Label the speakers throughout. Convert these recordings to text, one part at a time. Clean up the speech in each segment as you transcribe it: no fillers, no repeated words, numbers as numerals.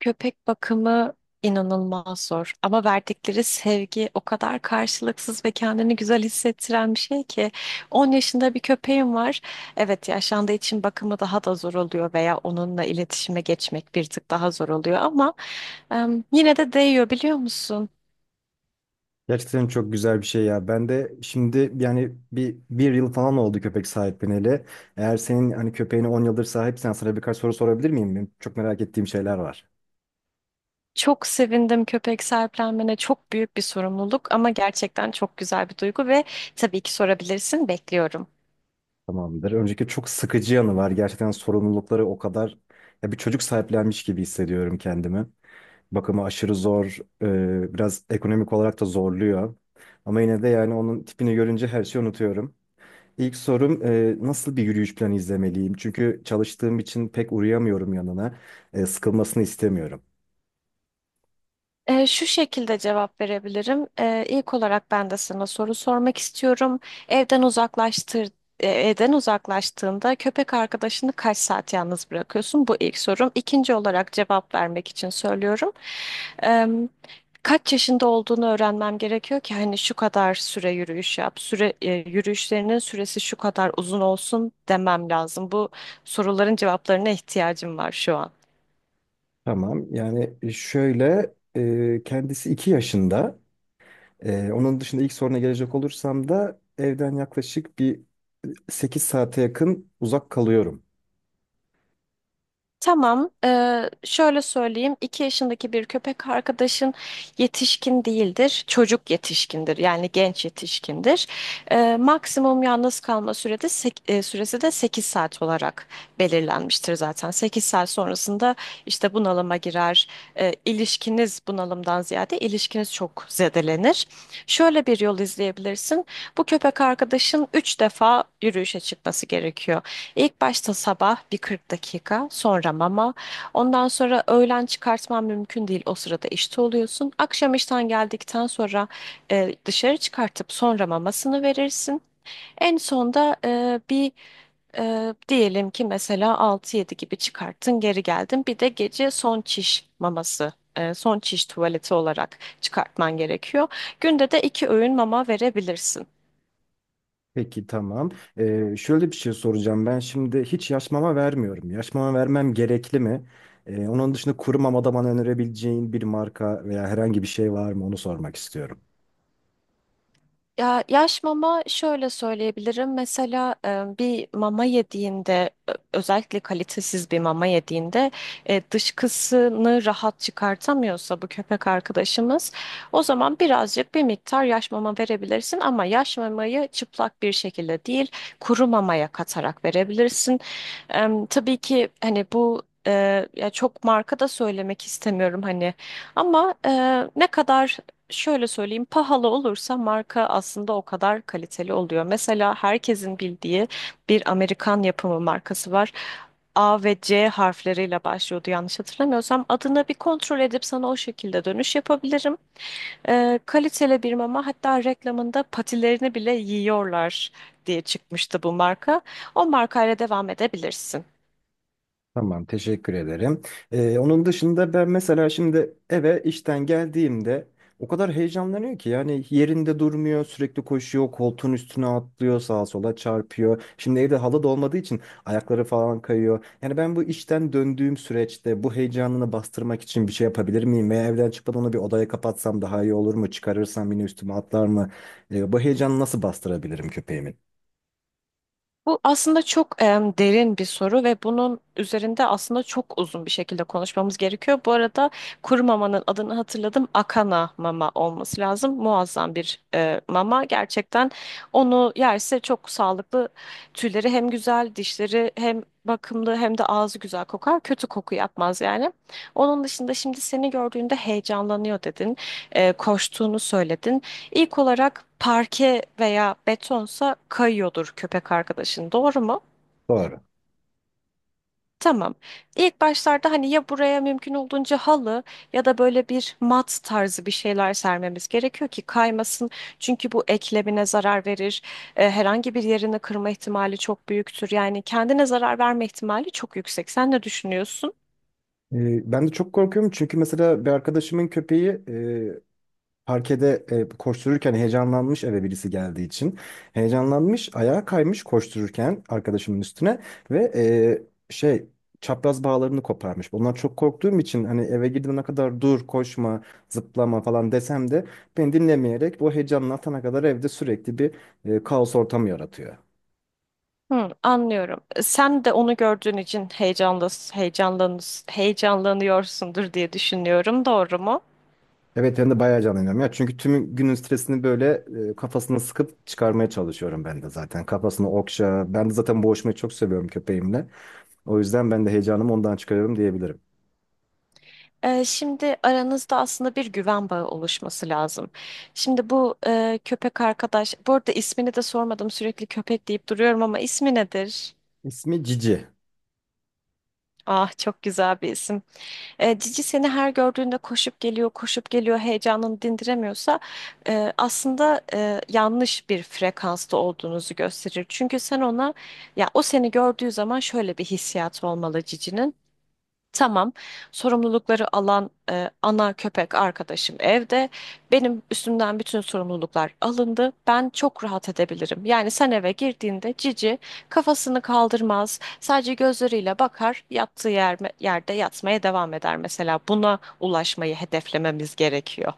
Speaker 1: Köpek bakımı inanılmaz zor ama verdikleri sevgi o kadar karşılıksız ve kendini güzel hissettiren bir şey ki 10 yaşında bir köpeğim var. Evet yaşlandığı için bakımı daha da zor oluyor veya onunla iletişime geçmek bir tık daha zor oluyor ama yine de değiyor biliyor musun?
Speaker 2: Gerçekten çok güzel bir şey ya. Ben de şimdi yani bir yıl falan oldu köpek sahipleneli. Eğer senin hani köpeğini 10 yıldır sahipsen sana birkaç soru sorabilir miyim? Benim çok merak ettiğim şeyler var.
Speaker 1: Çok sevindim köpek sahiplenmene. Çok büyük bir sorumluluk ama gerçekten çok güzel bir duygu ve tabii ki sorabilirsin. Bekliyorum.
Speaker 2: Tamamdır. Önceki çok sıkıcı yanı var. Gerçekten sorumlulukları o kadar ya bir çocuk sahiplenmiş gibi hissediyorum kendimi. Bakımı aşırı zor. Biraz ekonomik olarak da zorluyor. Ama yine de yani onun tipini görünce her şeyi unutuyorum. İlk sorum nasıl bir yürüyüş planı izlemeliyim? Çünkü çalıştığım için pek uğrayamıyorum yanına. Sıkılmasını istemiyorum.
Speaker 1: Şu şekilde cevap verebilirim. İlk olarak ben de sana soru sormak istiyorum. Evden uzaklaştır, Evden uzaklaştığında köpek arkadaşını kaç saat yalnız bırakıyorsun? Bu ilk sorum. İkinci olarak cevap vermek için söylüyorum. Ee, Kaç yaşında olduğunu öğrenmem gerekiyor ki hani şu kadar süre yürüyüş yap, yürüyüşlerinin süresi şu kadar uzun olsun demem lazım. Bu soruların cevaplarına ihtiyacım var şu an.
Speaker 2: Tamam. Yani şöyle kendisi 2 yaşında. Onun dışında ilk soruna gelecek olursam da evden yaklaşık 8 saate yakın uzak kalıyorum.
Speaker 1: Tamam, şöyle söyleyeyim. 2 yaşındaki bir köpek arkadaşın yetişkin değildir, çocuk yetişkindir, yani genç yetişkindir. Maksimum yalnız kalma süresi de 8 saat olarak belirlenmiştir zaten. 8 saat sonrasında işte bunalıma girer. İlişkiniz bunalımdan ziyade ilişkiniz çok zedelenir. Şöyle bir yol izleyebilirsin. Bu köpek arkadaşın 3 defa yürüyüşe çıkması gerekiyor. İlk başta sabah bir 40 dakika, sonra mama. Ondan sonra öğlen çıkartman mümkün değil. O sırada işte oluyorsun. Akşam işten geldikten sonra dışarı çıkartıp sonra mamasını verirsin. En sonda bir diyelim ki mesela altı yedi gibi çıkarttın, geri geldin. Bir de gece son çiş maması, son çiş tuvaleti olarak çıkartman gerekiyor. Günde de iki öğün mama verebilirsin.
Speaker 2: Peki tamam. Şöyle bir şey soracağım. Ben şimdi hiç yaş mama vermiyorum. Yaş mama vermem gerekli mi? Onun dışında kuru mamada bana önerebileceğin bir marka veya herhangi bir şey var mı? Onu sormak istiyorum.
Speaker 1: Ya yaş mama şöyle söyleyebilirim. Mesela bir mama yediğinde özellikle kalitesiz bir mama yediğinde dışkısını rahat çıkartamıyorsa bu köpek arkadaşımız o zaman birazcık bir miktar yaş mama verebilirsin ama yaş mamayı çıplak bir şekilde değil kuru mamaya katarak verebilirsin. Tabii ki hani bu ya çok marka da söylemek istemiyorum hani ama ne kadar şöyle söyleyeyim pahalı olursa marka aslında o kadar kaliteli oluyor. Mesela herkesin bildiği bir Amerikan yapımı markası var. A ve C harfleriyle başlıyordu yanlış hatırlamıyorsam. Adını bir kontrol edip sana o şekilde dönüş yapabilirim. Kaliteli bir mama, hatta reklamında patilerini bile yiyorlar diye çıkmıştı bu marka. O markayla devam edebilirsin.
Speaker 2: Tamam, teşekkür ederim. Onun dışında ben mesela şimdi eve işten geldiğimde o kadar heyecanlanıyor ki yani yerinde durmuyor, sürekli koşuyor, koltuğun üstüne atlıyor, sağa sola çarpıyor. Şimdi evde halı da olmadığı için ayakları falan kayıyor. Yani ben bu işten döndüğüm süreçte bu heyecanını bastırmak için bir şey yapabilir miyim? Veya evden çıkmadan onu bir odaya kapatsam daha iyi olur mu? Çıkarırsam yine üstüme atlar mı? Bu heyecanı nasıl bastırabilirim köpeğimin?
Speaker 1: Bu aslında çok derin bir soru ve bunun üzerinde aslında çok uzun bir şekilde konuşmamız gerekiyor. Bu arada kuru mamanın adını hatırladım. Akana mama olması lazım. Muazzam bir mama. Gerçekten onu yerse çok sağlıklı. Tüyleri hem güzel, dişleri hem bakımlı hem de ağzı güzel kokar. Kötü koku yapmaz yani. Onun dışında şimdi seni gördüğünde heyecanlanıyor dedin. Koştuğunu söyledin. İlk olarak parke veya betonsa kayıyordur köpek arkadaşın, doğru mu?
Speaker 2: Doğru.
Speaker 1: Tamam. İlk başlarda hani ya buraya mümkün olduğunca halı ya da böyle bir mat tarzı bir şeyler sermemiz gerekiyor ki kaymasın. Çünkü bu eklemine zarar verir. Herhangi bir yerini kırma ihtimali çok büyüktür. Yani kendine zarar verme ihtimali çok yüksek. Sen ne düşünüyorsun?
Speaker 2: Ben de çok korkuyorum çünkü mesela bir arkadaşımın köpeği parkede koştururken heyecanlanmış eve birisi geldiği için. Heyecanlanmış, ayağa kaymış koştururken arkadaşımın üstüne ve e, şey çapraz bağlarını koparmış. Bundan çok korktuğum için hani eve girdiğime kadar dur, koşma, zıplama falan desem de beni dinlemeyerek bu heyecanını atana kadar evde sürekli bir kaos ortamı yaratıyor.
Speaker 1: Hı, Anlıyorum. Sen de onu gördüğün için heyecanlanıyorsundur diye düşünüyorum. Doğru mu?
Speaker 2: Evet ben de bayağı canlanıyorum ya. Çünkü tüm günün stresini böyle kafasına sıkıp çıkarmaya çalışıyorum ben de zaten. Kafasını okşa. Ben de zaten boğuşmayı çok seviyorum köpeğimle. O yüzden ben de heyecanımı ondan çıkarıyorum diyebilirim.
Speaker 1: Şimdi aranızda aslında bir güven bağı oluşması lazım. Şimdi bu köpek arkadaş, bu arada ismini de sormadım, sürekli köpek deyip duruyorum ama ismi nedir?
Speaker 2: İsmi Cici.
Speaker 1: Ah çok güzel bir isim. Cici seni her gördüğünde koşup geliyor, koşup geliyor, heyecanını dindiremiyorsa aslında yanlış bir frekansta olduğunuzu gösterir. Çünkü sen ona, ya o seni gördüğü zaman şöyle bir hissiyat olmalı Cici'nin. Tamam. Sorumlulukları alan ana köpek arkadaşım evde. Benim üstümden bütün sorumluluklar alındı. Ben çok rahat edebilirim. Yani sen eve girdiğinde Cici kafasını kaldırmaz. Sadece gözleriyle bakar, yattığı yer, yerde yatmaya devam eder mesela. Buna ulaşmayı hedeflememiz gerekiyor.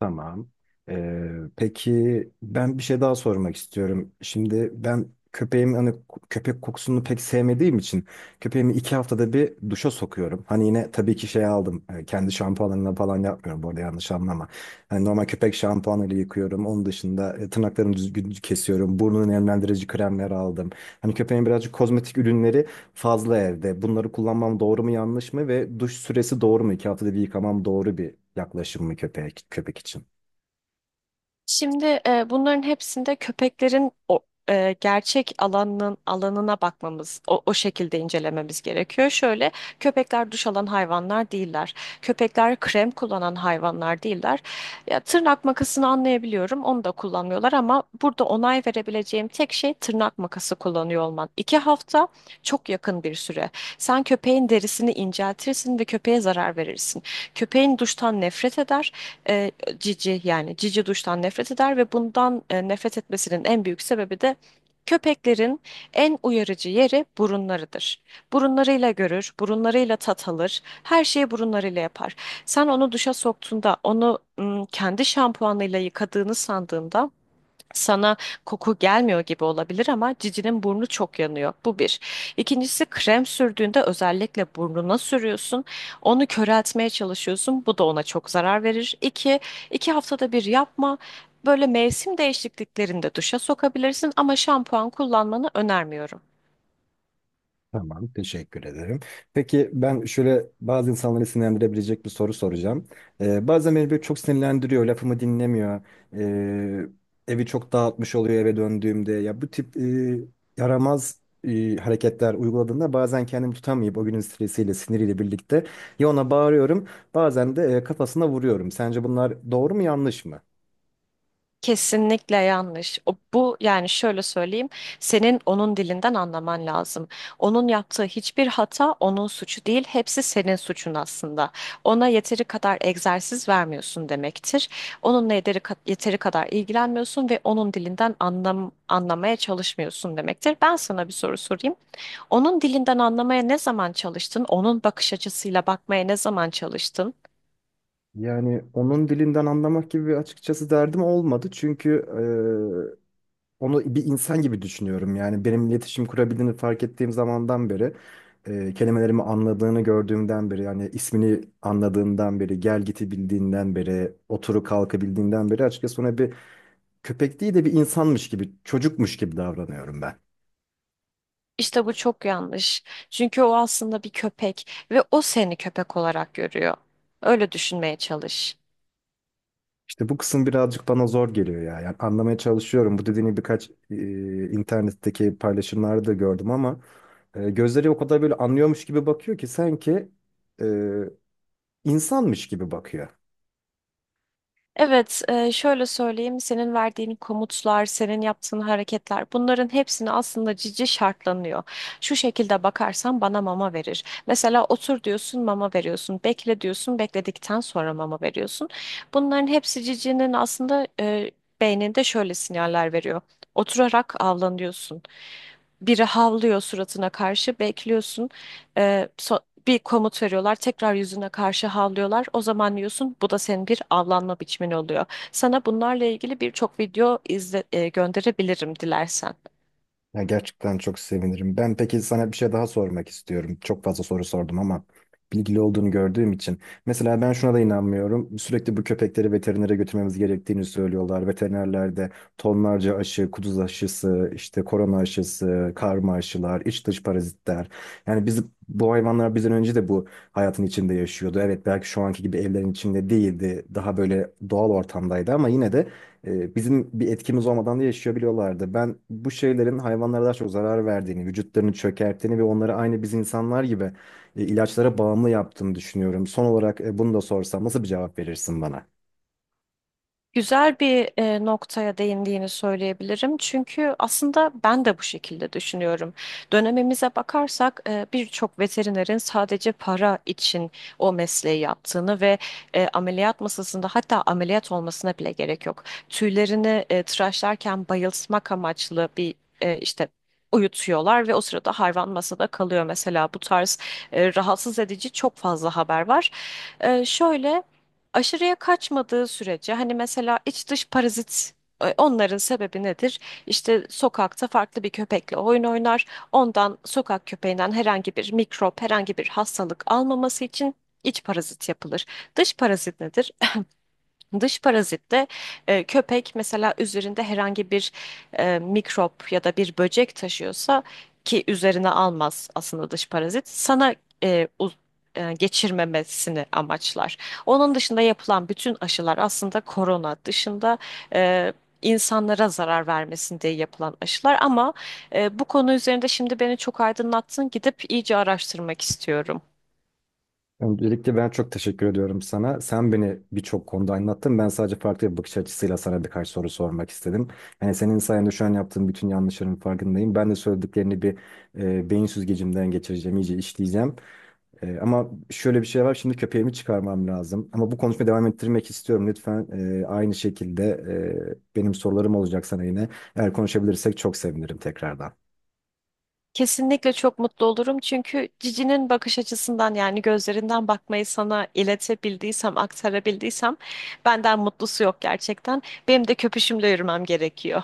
Speaker 2: Tamam. Ee, peki ben bir şey daha sormak istiyorum. Şimdi ben köpeğim hani köpek kokusunu pek sevmediğim için köpeğimi 2 haftada bir duşa sokuyorum. Hani yine tabii ki şey aldım. Kendi şampuanlarımla falan yapmıyorum bu arada, yanlış anlama. Hani normal köpek şampuanıyla yıkıyorum. Onun dışında tırnaklarını düzgün kesiyorum. Burnunu nemlendirici kremler aldım. Hani köpeğin birazcık kozmetik ürünleri fazla evde. Bunları kullanmam doğru mu yanlış mı ve duş süresi doğru mu? 2 haftada bir yıkamam doğru bir yaklaşım mı köpeğe, köpek için?
Speaker 1: Şimdi bunların hepsinde köpeklerin o gerçek alanının alanına bakmamız, o şekilde incelememiz gerekiyor. Şöyle, köpekler duş alan hayvanlar değiller. Köpekler krem kullanan hayvanlar değiller. Ya, tırnak makasını anlayabiliyorum, onu da kullanmıyorlar ama burada onay verebileceğim tek şey tırnak makası kullanıyor olman. 2 hafta çok yakın bir süre. Sen köpeğin derisini inceltirsin ve köpeğe zarar verirsin. Köpeğin duştan nefret eder, Cici yani Cici duştan nefret eder ve bundan nefret etmesinin en büyük sebebi de köpeklerin en uyarıcı yeri burunlarıdır. Burunlarıyla görür, burunlarıyla tat alır, her şeyi burunlarıyla yapar. Sen onu duşa soktuğunda, onu kendi şampuanıyla yıkadığını sandığında sana koku gelmiyor gibi olabilir ama Cici'nin burnu çok yanıyor. Bu bir. İkincisi, krem sürdüğünde özellikle burnuna sürüyorsun. Onu köreltmeye çalışıyorsun. Bu da ona çok zarar verir. İki, 2 haftada bir yapma. Böyle mevsim değişikliklerinde duşa sokabilirsin ama şampuan kullanmanı önermiyorum.
Speaker 2: Tamam, teşekkür ederim. Peki ben şöyle bazı insanları sinirlendirebilecek bir soru soracağım. Bazen beni böyle çok sinirlendiriyor, lafımı dinlemiyor. Ee, Evi çok dağıtmış oluyor eve döndüğümde. Ya bu tip yaramaz hareketler uyguladığında bazen kendimi tutamayıp o günün stresiyle, siniriyle birlikte ya ona bağırıyorum, bazen de kafasına vuruyorum. Sence bunlar doğru mu, yanlış mı?
Speaker 1: Kesinlikle yanlış. O, bu yani şöyle söyleyeyim, senin onun dilinden anlaman lazım. Onun yaptığı hiçbir hata onun suçu değil, hepsi senin suçun aslında. Ona yeteri kadar egzersiz vermiyorsun demektir. Onunla yeteri kadar ilgilenmiyorsun ve onun dilinden anlamaya çalışmıyorsun demektir. Ben sana bir soru sorayım. Onun dilinden anlamaya ne zaman çalıştın? Onun bakış açısıyla bakmaya ne zaman çalıştın?
Speaker 2: Yani onun dilinden anlamak gibi bir açıkçası derdim olmadı. Çünkü onu bir insan gibi düşünüyorum. Yani benim iletişim kurabildiğini fark ettiğim zamandan beri, kelimelerimi anladığını gördüğümden beri, yani ismini anladığından beri, gel giti bildiğinden beri, oturu kalkı bildiğinden beri açıkçası ona bir köpek değil de bir insanmış gibi, çocukmuş gibi davranıyorum ben.
Speaker 1: İşte bu çok yanlış. Çünkü o aslında bir köpek ve o seni köpek olarak görüyor. Öyle düşünmeye çalış.
Speaker 2: İşte bu kısım birazcık bana zor geliyor ya. Yani anlamaya çalışıyorum. Bu dediğini birkaç internetteki paylaşımlarda da gördüm ama gözleri o kadar böyle anlıyormuş gibi bakıyor ki sanki e, insanmış gibi bakıyor.
Speaker 1: Evet, şöyle söyleyeyim, senin verdiğin komutlar, senin yaptığın hareketler, bunların hepsini aslında Cici şartlanıyor. Şu şekilde bakarsan bana mama verir. Mesela otur diyorsun, mama veriyorsun. Bekle diyorsun, bekledikten sonra mama veriyorsun. Bunların hepsi Cici'nin aslında beyninde şöyle sinyaller veriyor. Oturarak avlanıyorsun. Biri havlıyor suratına karşı, bekliyorsun. E, so- Bir komut veriyorlar, tekrar yüzüne karşı havlıyorlar. O zaman diyorsun bu da senin bir avlanma biçimin oluyor. Sana bunlarla ilgili birçok video gönderebilirim dilersen.
Speaker 2: Ya gerçekten çok sevinirim. Ben peki sana bir şey daha sormak istiyorum. Çok fazla soru sordum ama bilgili olduğunu gördüğüm için. Mesela ben şuna da inanmıyorum. Sürekli bu köpekleri veterinere götürmemiz gerektiğini söylüyorlar. Veterinerler de tonlarca aşı, kuduz aşısı, işte korona aşısı, karma aşılar, iç dış parazitler. Yani biz bu hayvanlar bizden önce de bu hayatın içinde yaşıyordu. Evet, belki şu anki gibi evlerin içinde değildi. Daha böyle doğal ortamdaydı ama yine de bizim bir etkimiz olmadan da yaşayabiliyorlardı. Ben bu şeylerin hayvanlara daha çok zarar verdiğini, vücutlarını çökerttiğini ve onları aynı biz insanlar gibi ilaçlara bağımlı yaptığını düşünüyorum. Son olarak bunu da sorsam nasıl bir cevap verirsin bana?
Speaker 1: Güzel bir noktaya değindiğini söyleyebilirim. Çünkü aslında ben de bu şekilde düşünüyorum. Dönemimize bakarsak birçok veterinerin sadece para için o mesleği yaptığını ve ameliyat masasında, hatta ameliyat olmasına bile gerek yok. Tüylerini tıraşlarken bayıltmak amaçlı bir işte uyutuyorlar ve o sırada hayvan masada kalıyor. Mesela bu tarz rahatsız edici çok fazla haber var. Şöyle, aşırıya kaçmadığı sürece hani mesela iç dış parazit, onların sebebi nedir? İşte sokakta farklı bir köpekle oyun oynar. Ondan, sokak köpeğinden herhangi bir mikrop, herhangi bir hastalık almaması için iç parazit yapılır. Dış parazit nedir? Dış parazit de köpek mesela üzerinde herhangi bir mikrop ya da bir böcek taşıyorsa, ki üzerine almaz aslında dış parazit sana e, uz- geçirmemesini amaçlar. Onun dışında yapılan bütün aşılar, aslında korona dışında, e, insanlara zarar vermesin diye yapılan aşılar ama bu konu üzerinde şimdi beni çok aydınlattın, gidip iyice araştırmak istiyorum.
Speaker 2: Öncelikle ben çok teşekkür ediyorum sana. Sen beni birçok konuda anlattın. Ben sadece farklı bir bakış açısıyla sana birkaç soru sormak istedim. Yani senin sayende şu an yaptığım bütün yanlışların farkındayım. Ben de söylediklerini bir beyin süzgecimden geçireceğim, iyice işleyeceğim. Ama şöyle bir şey var. Şimdi köpeğimi çıkarmam lazım. Ama bu konuşmayı devam ettirmek istiyorum. Lütfen aynı şekilde benim sorularım olacak sana yine. Eğer konuşabilirsek çok sevinirim tekrardan.
Speaker 1: Kesinlikle çok mutlu olurum çünkü Cici'nin bakış açısından, yani gözlerinden bakmayı sana iletebildiysem, aktarabildiysem benden mutlusu yok gerçekten. Benim de köpüşümle yürümem gerekiyor.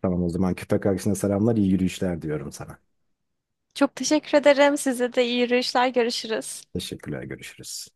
Speaker 2: Tamam, o zaman köpek arkadaşına selamlar, iyi yürüyüşler diyorum sana.
Speaker 1: Çok teşekkür ederim. Size de iyi yürüyüşler. Görüşürüz.
Speaker 2: Teşekkürler, görüşürüz.